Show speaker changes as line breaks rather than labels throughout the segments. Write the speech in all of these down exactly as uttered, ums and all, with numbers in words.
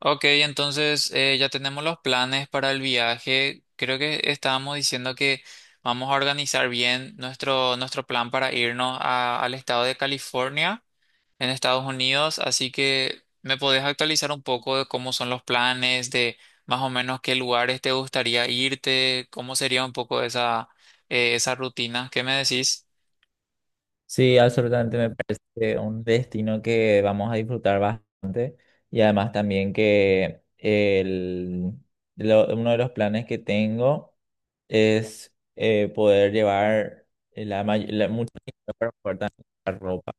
Ok, entonces eh, ya tenemos los planes para el viaje. Creo que estábamos diciendo que vamos a organizar bien nuestro, nuestro plan para irnos a- al estado de California, en Estados Unidos. Así que me podés actualizar un poco de cómo son los planes, de más o menos qué lugares te gustaría irte, cómo sería un poco esa, eh, esa rutina. ¿Qué me decís?
Sí, absolutamente me parece un destino que vamos a disfrutar bastante y además también que el, lo- uno de los planes que tengo es eh, poder llevar la, may- la- mucho dinero para poder también comprar ropa.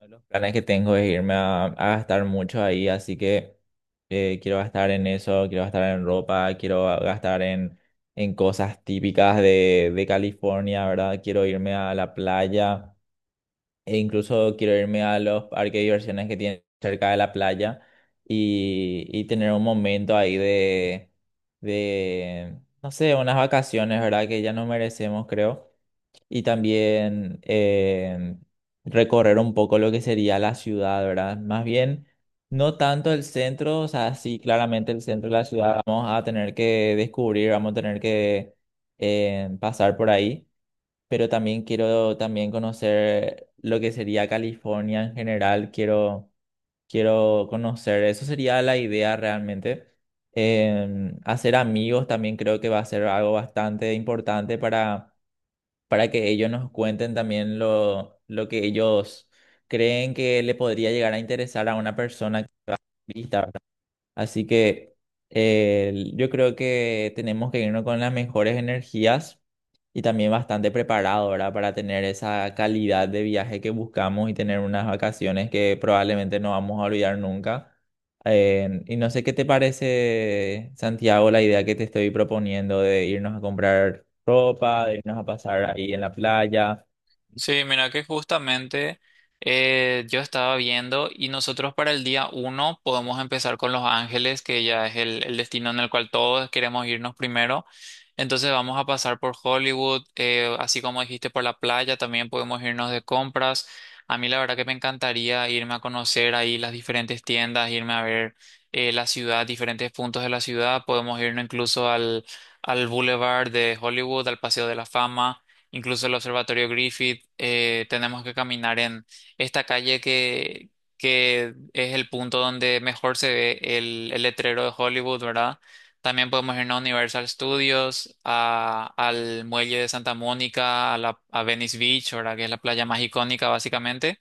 Uno de los planes que tengo es irme a, a gastar mucho ahí, así que eh, quiero gastar en eso, quiero gastar en ropa, quiero gastar en, en cosas típicas de, de California, ¿verdad? Quiero irme a la playa. E incluso quiero irme a los parques de diversiones que tienen cerca de la playa y, y tener un momento ahí de, de, no sé, unas vacaciones, ¿verdad? Que ya no merecemos, creo. Y también eh, recorrer un poco lo que sería la ciudad, ¿verdad? Más bien, no tanto el centro, o sea, sí, claramente el centro de la ciudad vamos a tener que descubrir, vamos a tener que eh, pasar por ahí, pero también quiero también conocer lo que sería California en general, quiero, quiero conocer, eso sería la idea realmente. Em, hacer amigos también creo que va a ser algo bastante importante para, para que ellos nos cuenten también lo, lo que ellos creen que le podría llegar a interesar a una persona turista. Así que eh, yo creo que tenemos que irnos con las mejores energías y también bastante preparado, ¿verdad? Para tener esa calidad de viaje que buscamos y tener unas vacaciones que probablemente no vamos a olvidar nunca. Eh, y no sé qué te parece, Santiago, la idea que te estoy proponiendo de irnos a comprar ropa, de irnos a pasar ahí en la playa.
Sí, mira que justamente eh, yo estaba viendo y nosotros para el día uno podemos empezar con Los Ángeles, que ya es el, el destino en el cual todos queremos irnos primero. Entonces vamos a pasar por Hollywood, eh, así como dijiste por la playa, también podemos irnos de compras. A mí la verdad que me encantaría irme a conocer ahí las diferentes tiendas, irme a ver eh, la ciudad, diferentes puntos de la ciudad. Podemos irnos incluso al, al Boulevard de Hollywood, al Paseo de la Fama, incluso el Observatorio Griffith. Eh, tenemos que caminar en esta calle que, que es el punto donde mejor se ve el, el letrero de Hollywood, ¿verdad? También podemos irnos a Universal Studios, a- al muelle de Santa Mónica, a, la, a Venice Beach, ¿verdad? Que es la playa más icónica básicamente.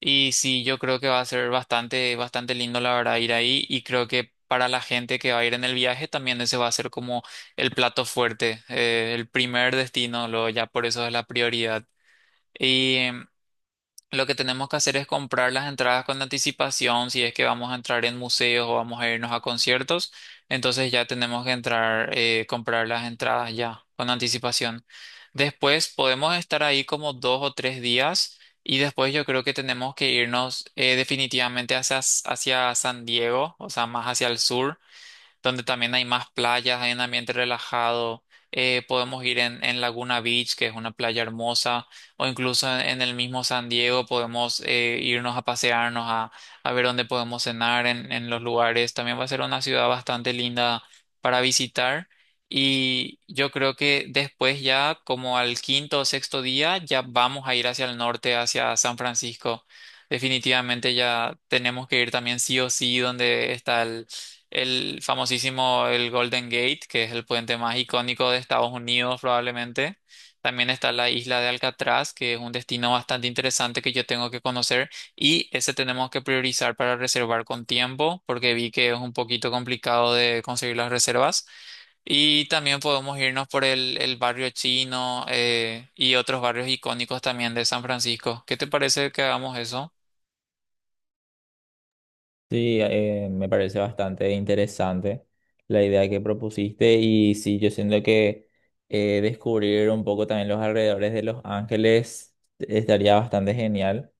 Y sí, yo creo que va a ser bastante, bastante lindo la verdad ir ahí, y creo que para la gente que va a ir en el viaje también ese va a ser como el plato fuerte, eh, el primer destino, luego ya por eso es la prioridad. Lo que tenemos que hacer es comprar las entradas con anticipación, si es que vamos a entrar en museos o vamos a irnos a conciertos, entonces ya tenemos que entrar, eh, comprar las entradas ya con anticipación. Después podemos estar ahí como dos o tres días, y después yo creo que tenemos que irnos eh, definitivamente hacia, hacia San Diego, o sea, más hacia el sur, donde también hay más playas, hay un ambiente relajado. Eh, podemos ir en, en Laguna Beach, que es una playa hermosa, o incluso en, en el mismo San Diego podemos eh, irnos a pasearnos, a, a ver dónde podemos cenar en, en los lugares. También va a ser una ciudad bastante linda para visitar. Y yo creo que después ya, como al quinto o sexto día, ya vamos a ir hacia el norte, hacia San Francisco. Definitivamente ya tenemos que ir también sí o sí donde está el famosísimo el Golden Gate, que es el puente más icónico de Estados Unidos probablemente. También está la isla de Alcatraz, que es un destino bastante interesante que yo tengo que conocer, y ese tenemos que priorizar para reservar con tiempo porque vi que es un poquito complicado de conseguir las reservas. Y también podemos irnos por el, el barrio chino, eh, y otros barrios icónicos también de San Francisco. ¿Qué te parece que hagamos eso?
Sí, eh, me parece bastante interesante la idea que propusiste y sí, yo siento que eh, descubrir un poco también los alrededores de Los Ángeles estaría bastante genial.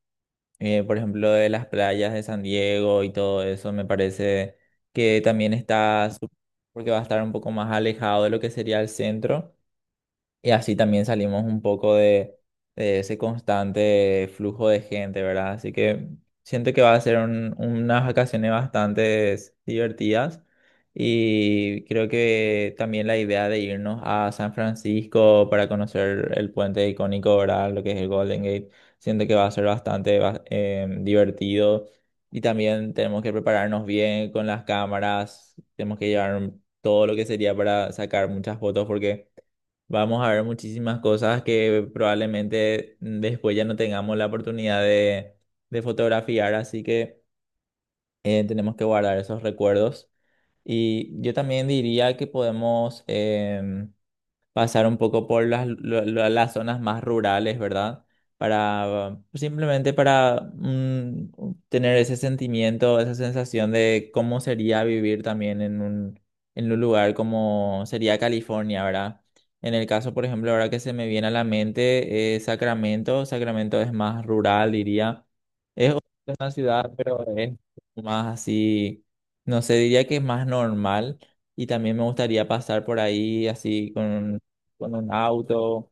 Eh, por ejemplo, de las playas de San Diego y todo eso, me parece que también está, su- porque va a estar un poco más alejado de lo que sería el centro. Y así también salimos un poco de, de ese constante flujo de gente, ¿verdad? Así que siento que va a ser un- unas vacaciones bastante divertidas. Y creo que también la idea de irnos a San Francisco para conocer el puente icónico, ¿verdad? Lo que es el Golden Gate, siento que va a ser bastante va- eh, divertido. Y también tenemos que prepararnos bien con las cámaras, tenemos que llevar todo lo que sería para sacar muchas fotos porque vamos a ver muchísimas cosas que probablemente, mm, después ya no tengamos la oportunidad de, de fotografiar, así que eh, tenemos que guardar esos recuerdos. Y yo también diría que podemos, em, pasar un poco por las, lo- lo- las zonas más rurales, ¿verdad? Para simplemente para mm, tener ese sentimiento, esa sensación de cómo sería vivir también en un, en un lugar como sería California, ¿verdad? En el caso, por ejemplo, ahora que se me viene a la mente, eh, Sacramento, Sacramento es más rural, diría. Es una ciudad, pero es más así, no sé, diría que es más normal y también me gustaría pasar por ahí así con, con un auto,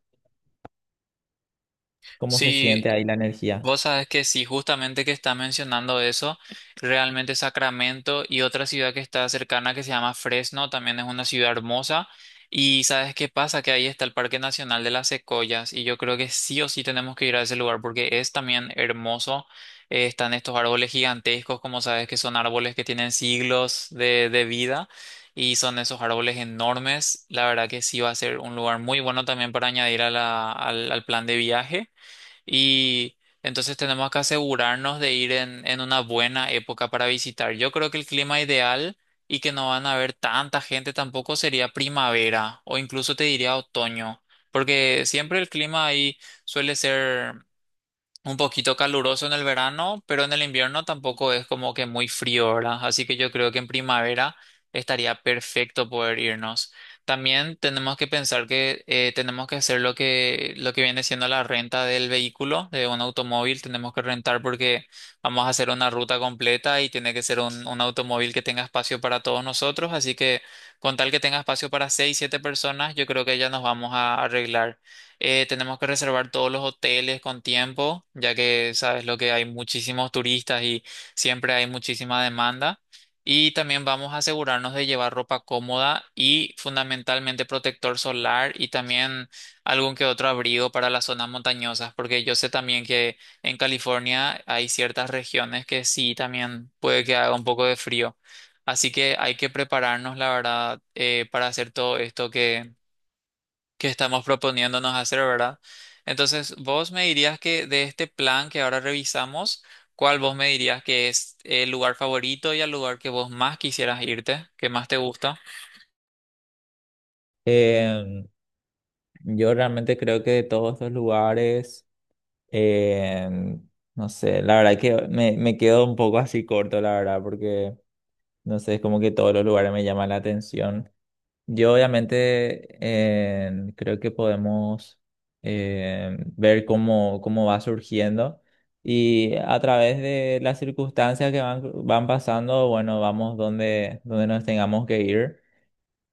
cómo se
Sí.
siente ahí la energía.
Vos sabés que sí, justamente que está mencionando eso, realmente Sacramento y otra ciudad que está cercana que se llama Fresno, también es una ciudad hermosa. Y sabes qué pasa, que ahí está el Parque Nacional de las Secoyas, y yo creo que sí o sí tenemos que ir a ese lugar porque es también hermoso. Eh, están estos árboles gigantescos, como sabes que son árboles que tienen siglos de, de vida, y son esos árboles enormes. La verdad que sí va a ser un lugar muy bueno también para añadir a la- al al plan de viaje. Y entonces tenemos que asegurarnos de ir en, en una buena época para visitar. Yo creo que el clima ideal y que no van a haber tanta gente tampoco sería primavera, o incluso te diría otoño, porque siempre el clima ahí suele ser un poquito caluroso en el verano, pero en el invierno tampoco es como que muy frío, ¿verdad? Así que yo creo que en primavera estaría perfecto poder irnos. También tenemos que pensar que eh, tenemos que hacer lo que, lo que viene siendo la renta del vehículo, de un automóvil. Tenemos que rentar porque vamos a hacer una ruta completa, y tiene que ser un, un automóvil que tenga espacio para todos nosotros. Así que con tal que tenga espacio para seis, siete personas, yo creo que ya nos vamos a arreglar. Eh, tenemos que reservar todos los hoteles con tiempo, ya que sabes lo que hay muchísimos turistas, y siempre hay muchísima demanda. Y también vamos a asegurarnos de llevar ropa cómoda y fundamentalmente protector solar, y también algún que otro abrigo para las zonas montañosas, porque yo sé también que en California hay ciertas regiones que sí también puede que haga un poco de frío. Así que hay que prepararnos, la verdad, eh, para hacer todo esto que estamos proponiéndonos hacer, ¿verdad? Entonces, vos me dirías que de este plan que ahora revisamos, ¿cuál vos me dirías que es el lugar favorito y el lugar que vos más quisieras irte, que más te gusta?
Em, yo realmente creo que de todos estos lugares, em, no sé, la verdad que me, me quedo un poco así corto, la verdad, porque no sé, es como que todos los lugares me llaman la atención. Yo obviamente eh, creo que podemos eh, ver cómo, cómo va surgiendo y a través de las circunstancias que van, van pasando, bueno, vamos donde, donde nos tengamos que ir.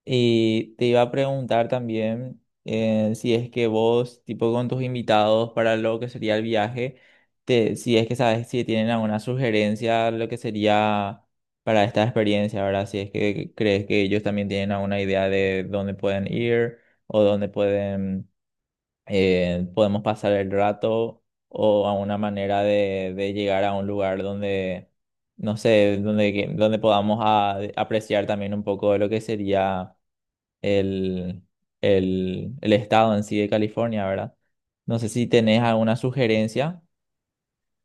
Y te iba a preguntar también eh, si es que vos, tipo con tus invitados para lo que sería el viaje, te, si es que sabes si tienen alguna sugerencia lo que sería para esta experiencia, ¿verdad? Si es que crees que ellos también tienen alguna idea de dónde pueden ir o dónde pueden, eh, podemos pasar el rato o alguna manera de, de llegar a un lugar donde, no sé, donde, que- donde podamos a- apreciar también un poco de lo que sería el, el, el estado en sí de California, ¿verdad? No sé si tenés alguna sugerencia.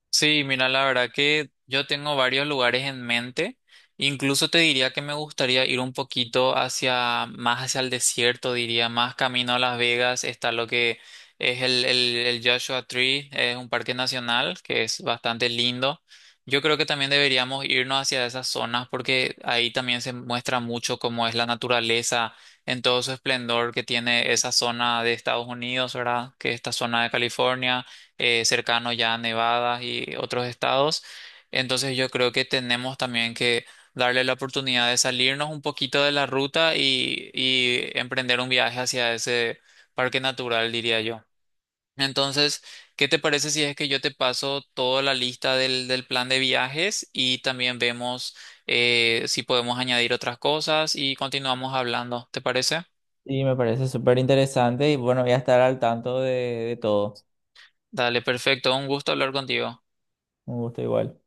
Sí, mira, la verdad que yo tengo varios lugares en mente. Incluso te diría que me gustaría ir un poquito hacia, más hacia el desierto, diría, más camino a Las Vegas. Está lo que es el, el, el Joshua Tree, es un parque nacional que es bastante lindo. Yo creo que también deberíamos irnos hacia esas zonas porque ahí también se muestra mucho cómo es la naturaleza en todo su esplendor que tiene esa zona de Estados Unidos, ¿verdad? Que es esta zona de California. Eh, cercano ya a Nevada y otros estados. Entonces yo creo que tenemos también que darle la oportunidad de salirnos un poquito de la ruta, y, y emprender un viaje hacia ese parque natural, diría yo. Entonces, ¿qué te parece si es que yo te paso toda la lista del, del plan de viajes y también vemos eh, si podemos añadir otras cosas y continuamos hablando? ¿Te parece?
Sí, me parece súper interesante y bueno, voy a estar al tanto de, de todo.
Dale, perfecto. Un gusto hablar contigo.
Un gusto igual.